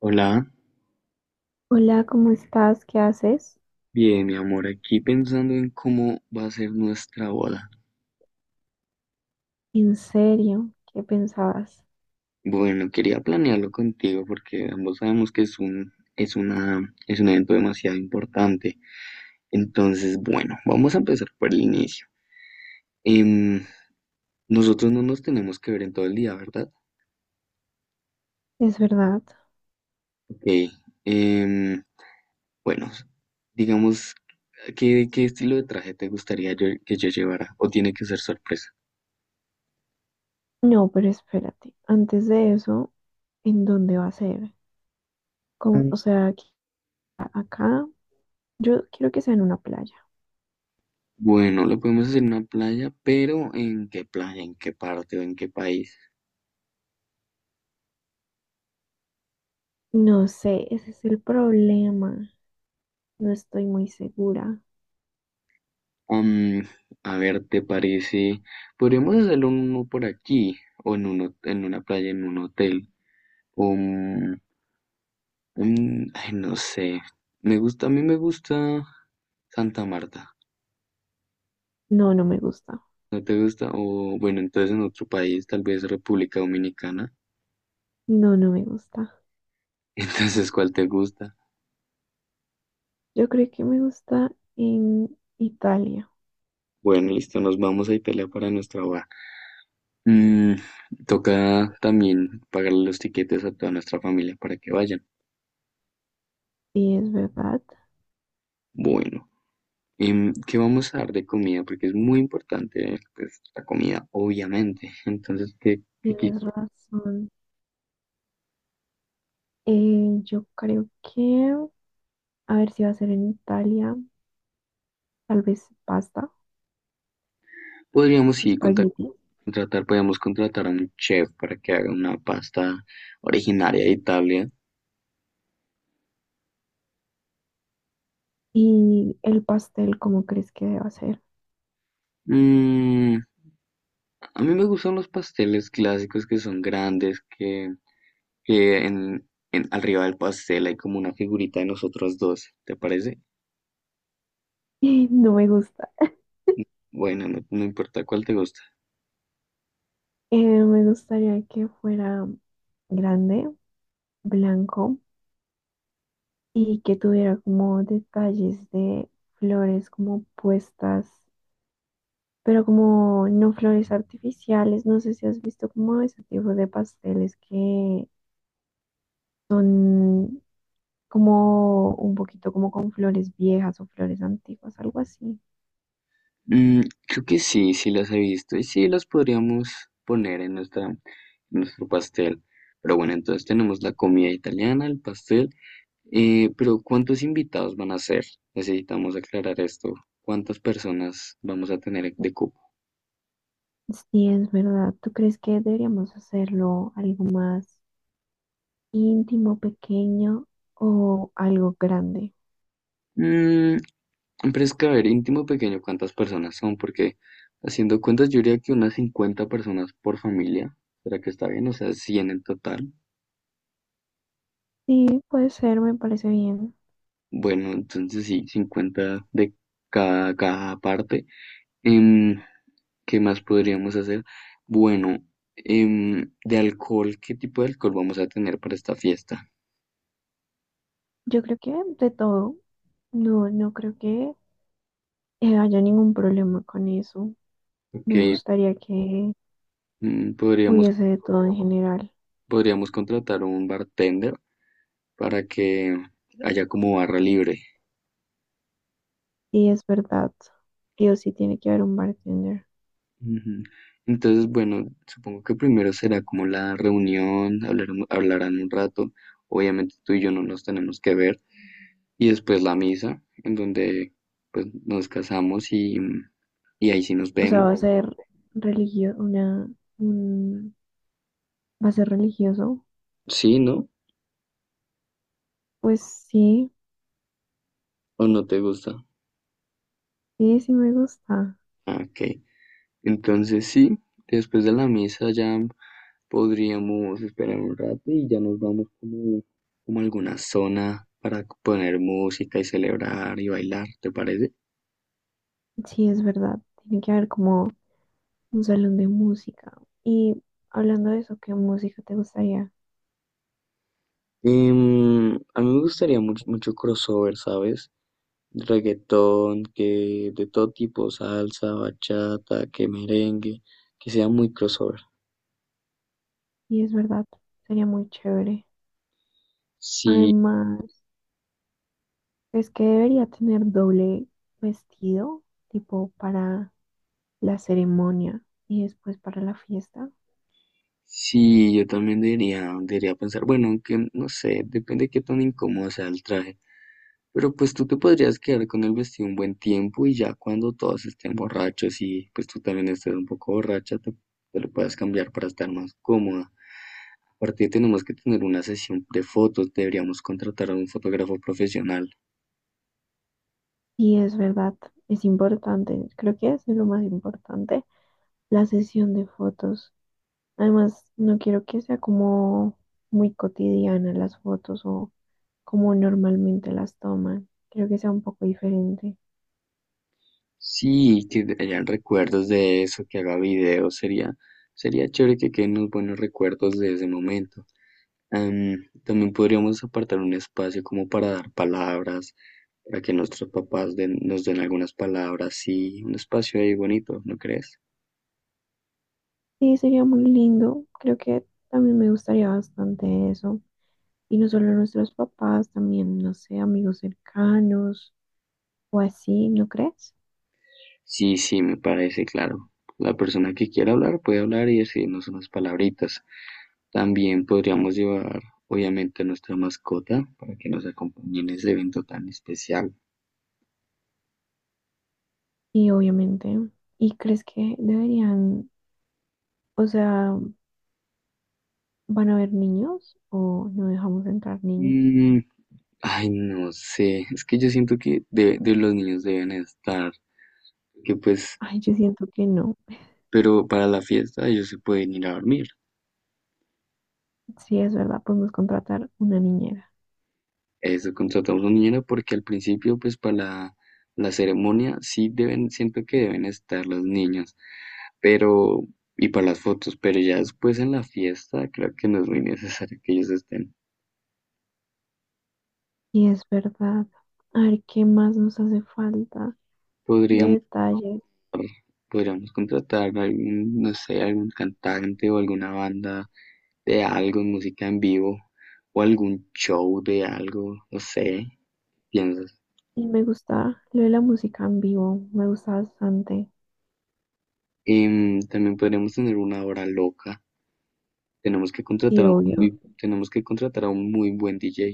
Hola, Hola, ¿cómo estás? ¿Qué haces? bien, mi amor, aquí pensando en cómo va a ser nuestra boda. ¿En serio? ¿Qué pensabas? Bueno, quería planearlo contigo porque ambos sabemos que es un evento demasiado importante. Entonces, bueno, vamos a empezar por el inicio. Em, nosotros no nos tenemos que ver en todo el día, ¿verdad? ¿Es verdad? Ok. em, bueno, digamos, ¿qué estilo de traje te gustaría que yo llevara? ¿O tiene que ser sorpresa? No, pero espérate. Antes de eso, ¿en dónde va a ser? ¿Cómo? O sea, aquí, acá, yo quiero que sea en una playa. Bueno, lo podemos hacer en una playa, pero ¿en qué playa? ¿En qué parte o en qué país? No sé, ese es el problema. No estoy muy segura. Am, a ver, ¿te parece? Podríamos hacerlo en uno por aquí, en una playa, en un hotel, o un- ay, no sé. A mí me gusta Santa Marta. No, no me gusta. ¿No te gusta? O bueno, entonces en otro país, tal vez República Dominicana. No, no me gusta. Entonces, ¿cuál te gusta? Yo creo que me gusta en Italia. Bueno, listo, nos vamos a Italia para nuestra baja. Mm, toca también pagarle los tiquetes a toda nuestra familia para que vayan. Sí, es verdad. Bueno, ¿qué vamos a dar de comida? Porque es muy importante, pues, la comida, obviamente. Entonces, Tienes razón. Yo creo que, a ver, si va a ser en Italia, tal vez pasta, podríamos espagueti. ¿contratar? Podríamos contratar a un chef para que haga una pasta originaria de Italia. Y el pastel, ¿cómo crees que deba ser? Mm, a mí me gustan los pasteles clásicos que son grandes, que arriba del pastel hay como una figurita de nosotros dos, ¿te parece? No me gusta. Bueno, no, no importa cuál te gusta. Me gustaría que fuera grande, blanco y que tuviera como detalles de flores como puestas, pero como no flores artificiales. No sé si has visto como ese tipo de pasteles que son como un poquito como con flores viejas o flores antiguas, algo así. Mm, creo que sí, sí las he visto y sí las podríamos poner en nuestro pastel. Pero bueno, entonces tenemos la comida italiana, el pastel. Eh, pero ¿cuántos invitados van a ser? Necesitamos aclarar esto. ¿Cuántas personas vamos a tener de cupo? Sí, es verdad. ¿Tú crees que deberíamos hacerlo algo más íntimo, pequeño, o algo grande? Mm, pero es que, a ver, íntimo pequeño, ¿cuántas personas son? Porque haciendo cuentas, yo diría que unas 50 personas por familia. ¿Será que está bien? O sea, 100 en total. Sí, puede ser, me parece bien. Bueno, entonces sí, 50 de cada parte. Em, ¿Qué más podríamos hacer? Bueno, de alcohol, ¿qué tipo de alcohol vamos a tener para esta fiesta? Yo creo que de todo, no, no creo que haya ningún problema con eso. Me Que gustaría que podríamos, hubiese de todo en general. podríamos contratar un bartender para que haya como barra libre. Sí, es verdad. Sí o sí tiene que haber un bartender. Ujú. Entonces, bueno, supongo que primero será como la reunión, hablarán un rato. Obviamente tú y yo no nos tenemos que ver. Y después la misa, en donde pues nos casamos, y ahí sí nos O sea, vemos. va a ser religio, una, un, va a ser religioso. ¿Sí, no? Pues sí, ¿O no te gusta? Sí me gusta. Ah, Ok. Entonces sí, después de la misa ya podríamos esperar un rato y ya nos vamos como a alguna zona para poner música y celebrar y bailar, ¿te parece? Sí, es verdad. Tiene que haber como un salón de música. Y hablando de eso, ¿qué música te gustaría? A mí me gustaría mucho, mucho crossover, ¿sabes? Reggaetón, que de todo tipo, salsa, bachata, que merengue, que sea muy crossover. Y es verdad, sería muy chévere. Sí, Además, es que debería tener doble vestido, tipo para la ceremonia y después para la fiesta. sí, yo también debería pensar, bueno, aunque no sé, depende de qué tan incómodo sea el traje, pero pues tú te podrías quedar con el vestido un buen tiempo y ya cuando todos estén borrachos y pues tú también estés un poco borracha, te lo puedes cambiar para estar más cómoda. Aparte tenemos que tener una sesión de fotos, deberíamos contratar a un fotógrafo profesional. Y es verdad, es importante, creo que es de lo más importante, la sesión de fotos. Además, no quiero que sea como muy cotidiana las fotos o como normalmente las toman. Creo que sea un poco diferente. Sí, que hayan recuerdos de eso, que haga videos, sería chévere que queden unos buenos recuerdos de ese momento. También podríamos apartar un espacio como para dar palabras, para que nos den algunas palabras, sí, un espacio ahí bonito, ¿no crees? Sí, sería muy lindo. Creo que también me gustaría bastante eso. Y no solo nuestros papás, también, no sé, amigos cercanos o así, ¿no crees? Sí, sí, me parece claro. La persona que quiera hablar puede hablar y decirnos unas palabritas. También podríamos llevar, obviamente, a nuestra mascota para que nos acompañe en ese evento tan especial. Y obviamente. ¿Y crees que deberían, o sea, van a haber niños o no dejamos entrar niños? Mm, ay, no sé, es que yo siento que de los niños deben estar, que pues Ay, yo siento que no. Pero para la fiesta ellos se pueden ir a dormir. Si es verdad, podemos contratar una niñera. Eso contratamos un niñero porque al principio, pues para la ceremonia sí deben, siento que deben estar los niños, pero y para las fotos, pero ya después en la fiesta creo que no es muy necesario que ellos estén. Y es verdad. A ver, ¿qué más nos hace falta de Podríamos, detalles? podríamos contratar algún, no sé, algún cantante o alguna banda de algo, música en vivo o algún show de algo, no sé, piensas. Y me gusta lo de la música en vivo, me gusta bastante. También podríamos tener una hora loca. Y obvio. Tenemos que contratar a un muy buen DJ.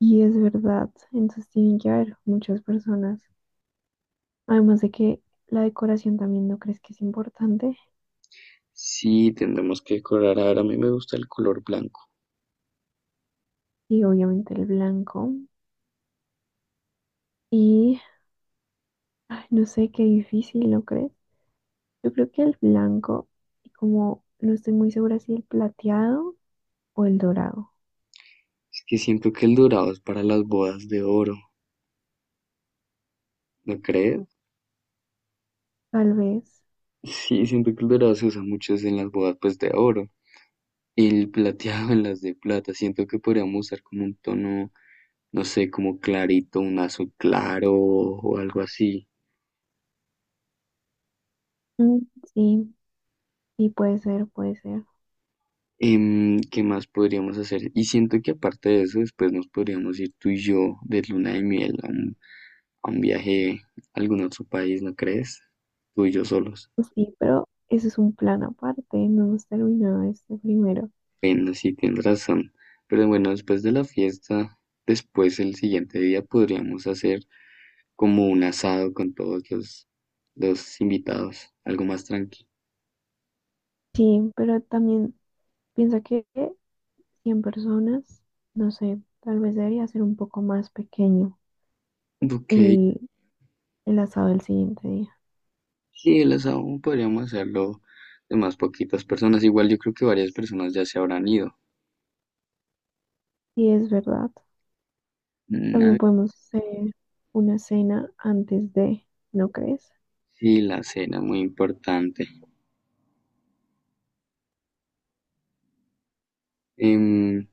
Y es verdad, entonces tienen que haber muchas personas. Además de que la decoración también, ¿no crees que es importante? Sí, tendremos que decorar. Ahora a mí me gusta el color blanco. Y obviamente el blanco. Y, ay, no sé, qué difícil, ¿no crees? Yo creo que el blanco, y como no estoy muy segura si el plateado o el dorado, Es que siento que el dorado es para las bodas de oro, ¿no crees? tal vez. Sí, siento que el dorado se usa mucho es en las bodas pues de oro. El plateado en las de plata. Siento que podríamos usar como un tono, no sé, como clarito, un azul claro o algo así. Mm, sí, sí, puede ser, puede ser. ¿Qué más podríamos hacer? Y siento que aparte de eso, después nos podríamos ir tú y yo de luna de miel a un viaje a algún otro país, ¿no crees? Tú y yo solos. Pues sí, pero eso es un plan aparte, no hemos terminado este primero. Bueno, sí, tienes razón. Pero bueno, después de la fiesta, después el siguiente día podríamos hacer como un asado con todos los invitados, algo más tranquilo. Sí, pero también piensa que 100 personas, no sé, tal vez debería ser un poco más pequeño Ok, el, el asado del siguiente día. sí, el asado podríamos hacerlo de más poquitas personas. Igual yo creo que varias personas ya se habrán ido. Sí, es verdad. Una, También podemos hacer una cena antes de, ¿no crees? sí, la cena, muy importante. Em,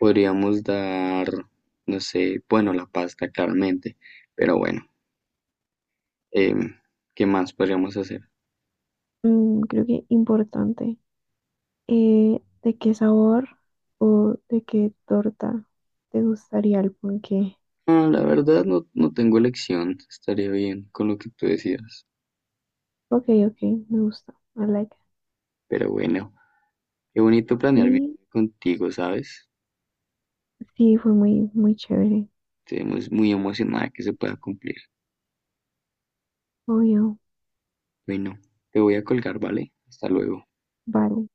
Podríamos dar, no sé, bueno, la pasta claramente, pero bueno, em, ¿qué más podríamos hacer? Mm, creo que importante. ¿De qué sabor o de qué torta te gustaría el ponqué? Ah, la verdad no, no tengo elección, estaría bien con lo que tú decías. Ok, ok, me gusta. I like it. Pero bueno, qué bonito planear mi Y viaje contigo, ¿sabes? sí, fue muy, muy chévere. Estoy muy muy emocionada que se pueda cumplir. Obvio. Bueno, te voy a colgar, ¿vale? Hasta luego. Vale.